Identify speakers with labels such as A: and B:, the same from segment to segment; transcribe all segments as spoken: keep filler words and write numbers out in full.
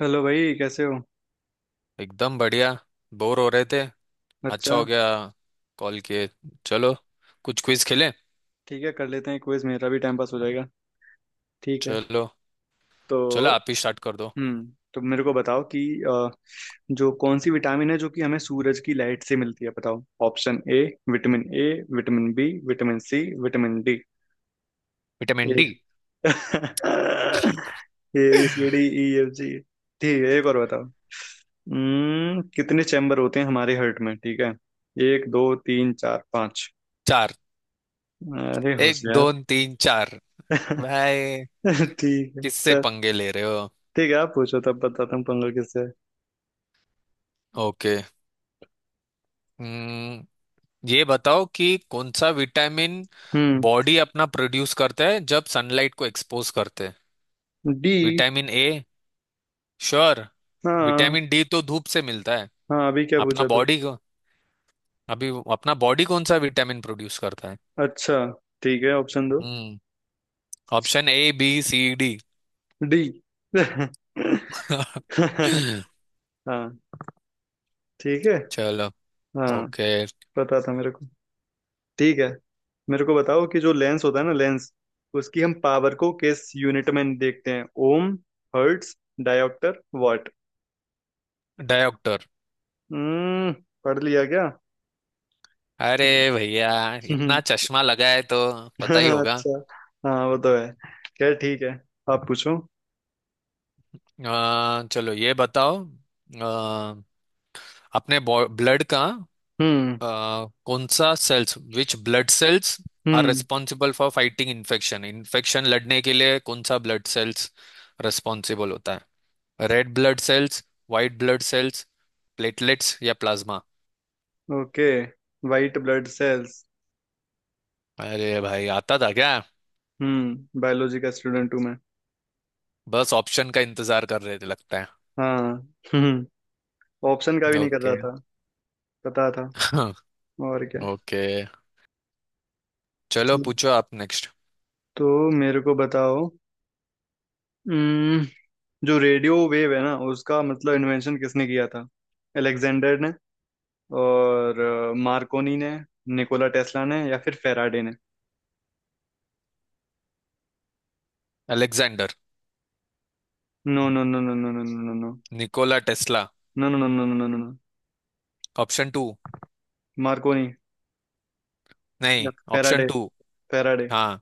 A: Hello भाई, कैसे हो?
B: एकदम बढ़िया। बोर हो रहे थे। अच्छा
A: अच्छा।
B: हो गया। कॉल किए। चलो कुछ क्विज खेलें।
A: ठीक है, कर लेते हैं क्विज, मेरा भी टाइम पास हो जाएगा। ठीक है।
B: चलो।
A: तो
B: चलो आप ही स्टार्ट कर दो।
A: हम्म तो मेरे को बताओ कि अ, जो कौन सी विटामिन है जो कि हमें सूरज की लाइट से मिलती है? बताओ, option A vitamin A, vitamin B, vitamin C, vitamin D.
B: Vitamin
A: A.
B: D.
A: A B C D E F G. ठीक है, एक और बताओ। हम्म कितने चैम्बर होते हैं हमारे हर्ट में? ठीक है। एक, दो, तीन, चार, पाँच?
B: चार।
A: अरे
B: एक
A: होशियार।
B: दो तीन चार। भाई,
A: ठीक है,
B: किससे
A: चल।
B: पंगे ले रहे हो?
A: ठीक है, आप पूछो तब बताता हूँ पंगा किससे है।
B: ओके। हम्म, ये बताओ कि कौन सा विटामिन
A: हम्म
B: बॉडी अपना प्रोड्यूस करता है जब सनलाइट को एक्सपोज करते हैं।
A: डी।
B: Vitamin A. श्योर।
A: हाँ।
B: विटामिन डी तो धूप से मिलता है।
A: हाँ, अभी क्या
B: अपना
A: पूछा तू?
B: बॉडी को। अभी वो- अपना बॉडी कौन सा विटामिन प्रोड्यूस करता है।
A: अच्छा। ठीक है, ऑप्शन दो।
B: Hmm. Option A B C D.
A: D. हाँ। ठीक है।
B: चलो।
A: हाँ।
B: ओके।
A: पता था मेरे को। ठीक है। मेरे को बताओ कि जो लेंस होता है ना, लेंस उसकी हम पावर को किस यूनिट में देखते हैं? Ohm, hertz, dioptre, watt?
B: Dioptre.
A: Hmm पढ़ लिया क्या?
B: अरे भैया, इतना चश्मा लगा है तो पता ही होगा।
A: अच्छा। हाँ, वो तो है। खैर, ठीक है। आप पूछो।
B: अ, चलो ये बताओ। अ, अपने ब्लड का
A: हम्म।
B: अ, कौन सा cells which blood cells are
A: hmm.
B: Responsible for fighting infection. Infection लड़ने के लिए कौन सा ब्लड सेल्स रेस्पॉन्सिबल होता है? Red blood cells, white blood cells, platelets या plasma.
A: Okay. White blood cells.
B: अरे भाई, आता था क्या?
A: हम्म बायोलॉजी का स्टूडेंट हूँ मैं।
B: बस ऑप्शन का इंतजार कर रहे थे लगता
A: हाँ। हम्म ऑप्शन का
B: है।
A: भी नहीं कर
B: ओके।
A: रहा था। पता था। और क्या।
B: ओके, चलो
A: ठीक।
B: पूछो आप नेक्स्ट।
A: तो मेरे को बताओ। हम्म जो रेडियो वेव है ना, उसका मतलब इन्वेंशन किसने किया था? अलेक्जेंडर ने, और अ, मार्कोनी ने, निकोला टेस्ला ने, या फिर फेराडे ने?
B: Alexander.
A: No no no no no no no no no
B: Nikola Tesla.
A: No no no no no no no.
B: Option two.
A: Marconi. या
B: नहीं। Option
A: Faraday?
B: टू।
A: फेराडे।
B: हाँ।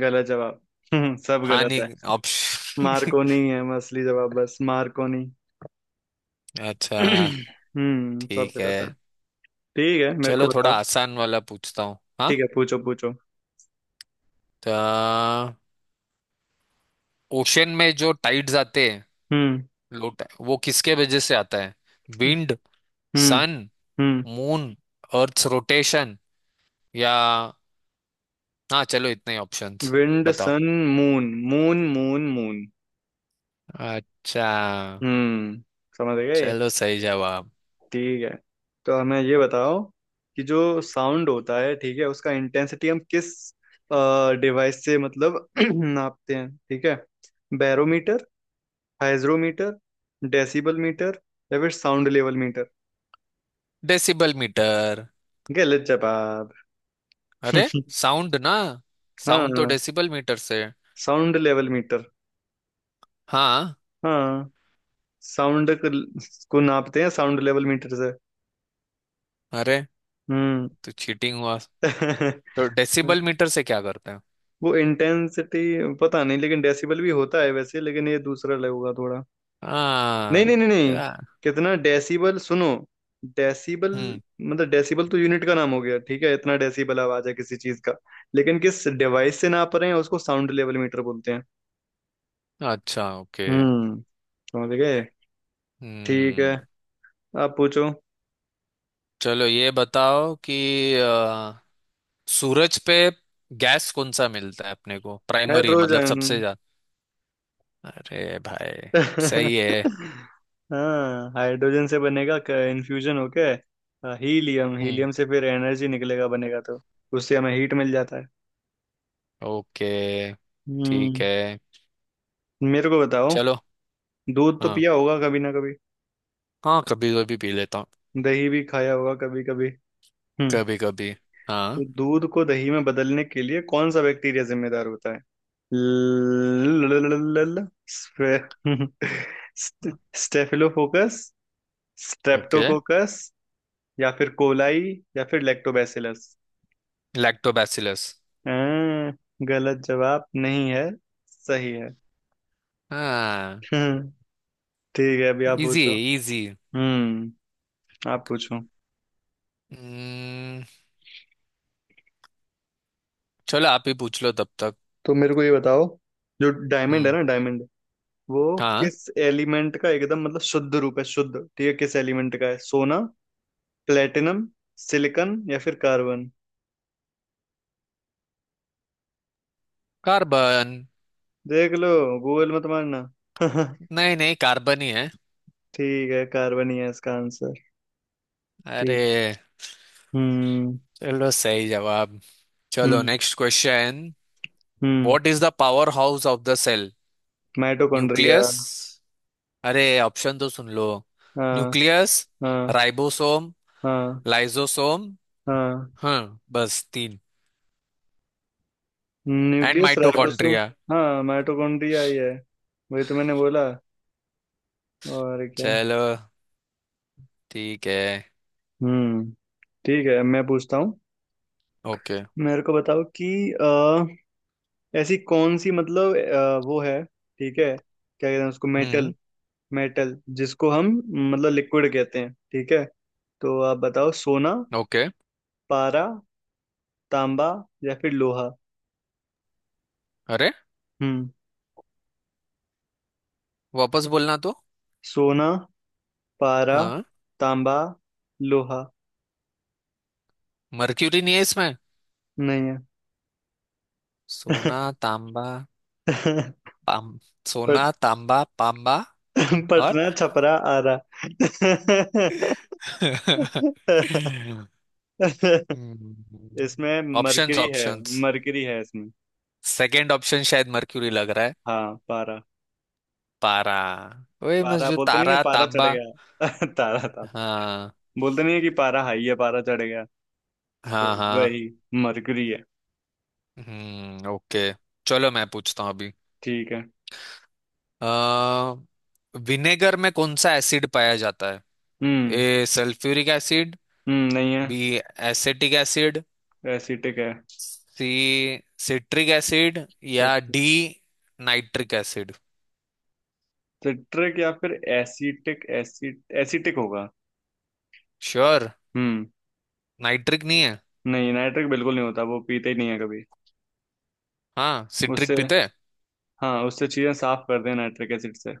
A: गलत जवाब। सब
B: हाँ
A: गलत है।
B: नहीं ऑप्शन।
A: मार्कोनी है, मैं असली जवाब बस मार्कोनी।
B: अच्छा।
A: हम्म सब
B: ठीक है।
A: गलत है। ठीक है, मेरे को
B: चलो थोड़ा
A: बताओ।
B: आसान वाला पूछता हूँ, हाँ।
A: ठीक है, पूछो पूछो।
B: तो ओशन में जो टाइड्स आते हैं,
A: हम्म।
B: लो tide, वो किसके वजह से आता है? Wind,
A: hmm.
B: Sun,
A: hmm.
B: Moon, earth rotation या, हाँ चलो इतने ही ऑप्शंस।
A: विंड,
B: बताओ।
A: Sun, moon moon moon moon.
B: अच्छा।
A: हम्म। समझ गए।
B: चलो सही जवाब।
A: ठीक है। तो हमें ये बताओ कि जो साउंड होता है, ठीक है, उसका इंटेंसिटी हम किस डिवाइस से मतलब नापते हैं? ठीक है। बैरोमीटर, हाइग्रोमीटर, डेसिबल मीटर, या फिर sound level meter?
B: Decibel meter.
A: गलत जवाब।
B: अरे साउंड ना, साउंड तो
A: हाँ,
B: डेसिबल मीटर से है।
A: Sound level meter.
B: हाँ।
A: हाँ। साउंड को, को नापते हैं साउंड लेवल मीटर से।
B: अरे
A: हम्म।
B: तो चीटिंग हुआ। तो डेसिबल मीटर से क्या करते हैं?
A: वो इंटेंसिटी। पता नहीं, लेकिन डेसिबल भी होता है वैसे, लेकिन ये दूसरा लगेगा थोड़ा। नहीं
B: हाँ।
A: नहीं नहीं नहीं।
B: या-
A: कितना डेसिबल सुनो। डेसिबल।
B: हम्म।
A: मतलब डेसिबल तो यूनिट का नाम हो गया, ठीक है, इतना डेसिबल आवाज है किसी चीज का, लेकिन किस डिवाइस से नाप रहे हैं उसको साउंड लेवल मीटर बोलते हैं।
B: अच्छा ओके।
A: हम्म। समझ गए। ठीक है,
B: हम्म।
A: आप पूछो।
B: चलो ये बताओ कि सूरज पे गैस कौन सा मिलता है अपने को, प्राइमरी मतलब
A: हाइड्रोजन।
B: सबसे ज्यादा। अरे भाई सही है।
A: हाँ, हाइड्रोजन से बनेगा इन्फ्यूजन होके अ, हीलियम,
B: हम्म।
A: हीलियम से फिर एनर्जी निकलेगा बनेगा, तो उससे हमें हीट मिल जाता है।
B: ओके। ठीक
A: हम्म।
B: है।
A: मेरे को बताओ।
B: चलो।
A: दूध तो
B: हाँ।
A: पिया होगा कभी ना कभी।
B: हाँ, कभी कभी पी लेता हूँ।
A: दही भी खाया होगा कभी कभी। हम्म
B: कभी कभी। हाँ।
A: तो दूध को दही में बदलने के लिए कौन सा बैक्टीरिया जिम्मेदार होता है? ल स्टे- स्टेफिलोकोकस,
B: ओके।
A: स्ट्रेप्टोकोकस, या फिर कोलाई, या फिर लैक्टोबैसिलस?
B: लैक्टोबैसिलस।
A: हाँ। गलत जवाब नहीं है। सही है।
B: हाँ।
A: हम्म, ठीक है, अभी आप
B: इजी।
A: पूछो।
B: इजी।
A: हम्म। आप पूछो।
B: हम्म। चलो आप ही पूछ लो तब तक।
A: तो मेरे को ये बताओ। जो डायमंड है
B: हम्म।
A: ना, डायमंड वो
B: हाँ।
A: किस एलिमेंट का एकदम मतलब शुद्ध रूप है? शुद्ध, ठीक है, किस एलिमेंट का है? सोना, प्लेटिनम, सिलिकन, या फिर कार्बन?
B: कार्बन।
A: देख लो। गूगल मत मारना।
B: नहीं नहीं, कार्बन ही है।
A: ठीक है, कार्बन ही है इसका आंसर। ठीक।
B: अरे।
A: हम्म।
B: चलो सही जवाब। चलो
A: hmm.
B: Next question.
A: Hmm.
B: What is the power house of the cell.
A: Mitochondria.
B: Nucleus. अरे ऑप्शन तो सुन लो।
A: हाँ।
B: न्यूक्लियस,
A: हाँ।
B: राइबोसोम,
A: हाँ।
B: लाइसोसोम।
A: हाँ।
B: हम्म बस तीन। And
A: nucleus, ribosome.
B: माइटोकॉन्ड्रिया।
A: हाँ, माइटोकॉन्ड्रिया ही है। वही तो मैंने बोला। और क्या।
B: चलो। ठीक है।
A: हम्म। ठीक है, मैं पूछता हूँ।
B: ओके।
A: मेरे को बताओ कि अ, ऐसी कौन सी मतलब अ, वो है, ठीक है, क्या कहते हैं उसको?
B: हम्म।
A: मेटल। मेटल जिसको हम मतलब लिक्विड कहते हैं, ठीक है। तो आप बताओ। सोना,
B: ओके।
A: पारा, तांबा, या फिर लोहा?
B: अरे,
A: हम्म
B: वापस बोलना तो।
A: सोना, पारा,
B: हाँ।
A: तांबा, लोहा
B: मर्क्यूरी नहीं है इसमें?
A: नहीं
B: सोना, तांबा,
A: है।
B: पाम। सोना
A: पट।
B: तांबा पांबा और।
A: पटना, छपरा, आरा।
B: हम्म।
A: इसमें
B: ऑप्शंस
A: मरकरी है।
B: ऑप्शंस।
A: मरकरी है इसमें।
B: सेकंड ऑप्शन शायद मर्क्यूरी लग रहा है।
A: हाँ, पारा।
B: पारा। वही बस,
A: पारा
B: जो
A: बोलते नहीं है,
B: तारा
A: पारा चढ़
B: तांबा।
A: गया। तारा था।
B: हाँ।
A: बोलते नहीं है कि पारा हाई है, पारा चढ़ गया। तो
B: हाँ। हाँ।
A: वही, मरकरी है।
B: Hmm okay. चलो मैं पूछता हूँ अभी।
A: ठीक है।
B: अ, विनेगर में कौन सा एसिड पाया जाता है?
A: Hmm.
B: A sulphuric acid,
A: hmm नहीं है।
B: बी एसेटिक एसिड,
A: एसिटिक है।
B: सी सिट्रिक एसिड या डी नाइट्रिक एसिड।
A: सिट्रिक या फिर एसिटिक एसिड? एसिटिक होगा।
B: श्योर।
A: हम्म।
B: नाइट्रिक नहीं है।
A: नहीं, नाइट्रिक बिल्कुल नहीं होता, वो पीते ही नहीं है कभी।
B: हाँ,
A: उससे।
B: सिट्रिक पीते हैं।
A: हाँ, उससे चीजें साफ कर दें नाइट्रिक एसिड से।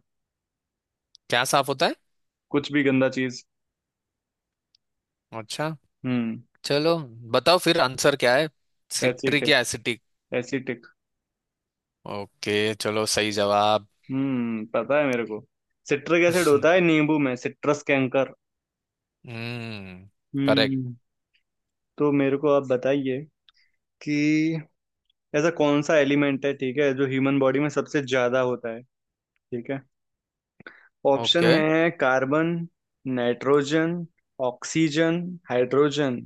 B: क्या साफ होता है?
A: कुछ भी गंदा चीज।
B: अच्छा।
A: हम्म।
B: चलो, बताओ फिर आंसर क्या है? सिट्रिक
A: एसिटिक,
B: या एसिटिक?
A: एसिटिक।
B: ओके चलो सही जवाब।
A: हम्म पता है मेरे को। सिट्रिक एसिड होता है नींबू में, सिट्रस कैंकर।
B: हम्म। करेक्ट।
A: हम्म। तो मेरे को आप बताइए कि ऐसा कौन सा एलिमेंट है, ठीक है, जो ह्यूमन बॉडी में सबसे ज्यादा होता है? ठीक है। Option
B: okay.
A: है कार्बन, नाइट्रोजन, ऑक्सीजन, हाइड्रोजन।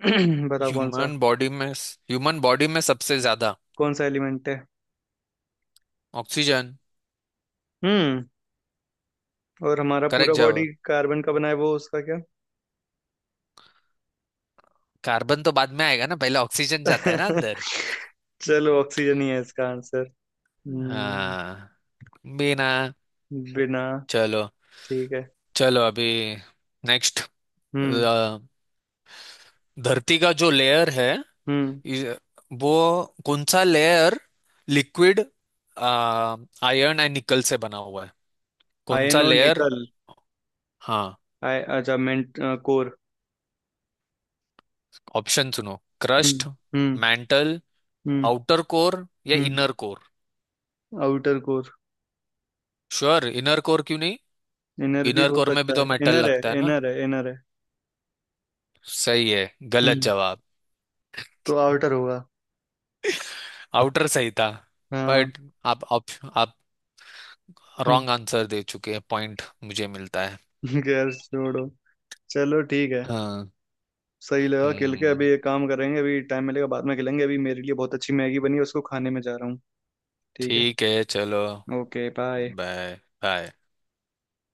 A: बताओ कौन सा।
B: ह्यूमन बॉडी में ह्यूमन बॉडी में सबसे ज्यादा
A: कौन सा एलिमेंट है?
B: ऑक्सीजन।
A: हम्म। और हमारा
B: करेक्ट
A: पूरा बॉडी
B: जवाब।
A: कार्बन का बना है, वो उसका क्या?
B: कार्बन तो बाद में आएगा ना, पहले ऑक्सीजन जाता है ना अंदर।
A: चलो, ऑक्सीजन ही है इसका आंसर। हम्म।
B: हाँ। बिना।
A: बिना।
B: चलो।
A: ठीक है।
B: चलो अभी नेक्स्ट।
A: हम्म।
B: धरती का जो लेयर है,
A: हम्म।
B: इस- वो कौन सा layer liquid iron and nickel से बना हुआ है? कौन
A: आयन
B: सा
A: और
B: लेयर?
A: निकल।
B: हाँ।
A: आय, अच्छा, मेंट, कोर।
B: ऑप्शन सुनो। Crust,
A: hmm. Hmm.
B: Mantle,
A: hmm.
B: Outer core या
A: hmm.
B: Inner core.
A: Outer core.
B: Sure, inner core क्यों नहीं?
A: इनर भी
B: इनर
A: हो
B: कोर में भी
A: सकता
B: तो
A: है,
B: मेटल
A: इनर है,
B: लगता है ना।
A: इनर है, इनर है।
B: सही है। गलत
A: हम्म।
B: जवाब।
A: तो आउटर होगा।
B: आउटर सही था।
A: हाँ।
B: बट आप आप, आप
A: हम्म।
B: रॉन्ग आंसर दे चुके हैं, पॉइंट मुझे मिलता है।
A: गैस छोड़ो। चलो ठीक है।
B: हाँ।
A: सही लगा खेल के,
B: हम्म।
A: अभी एक काम करेंगे, अभी टाइम मिलेगा बाद में खेलेंगे, अभी मेरे लिए बहुत अच्छी मैगी बनी है, उसको खाने में जा रहा हूँ। ठीक है।
B: ठीक है। चलो
A: ओके बाय।
B: बाय। बाय।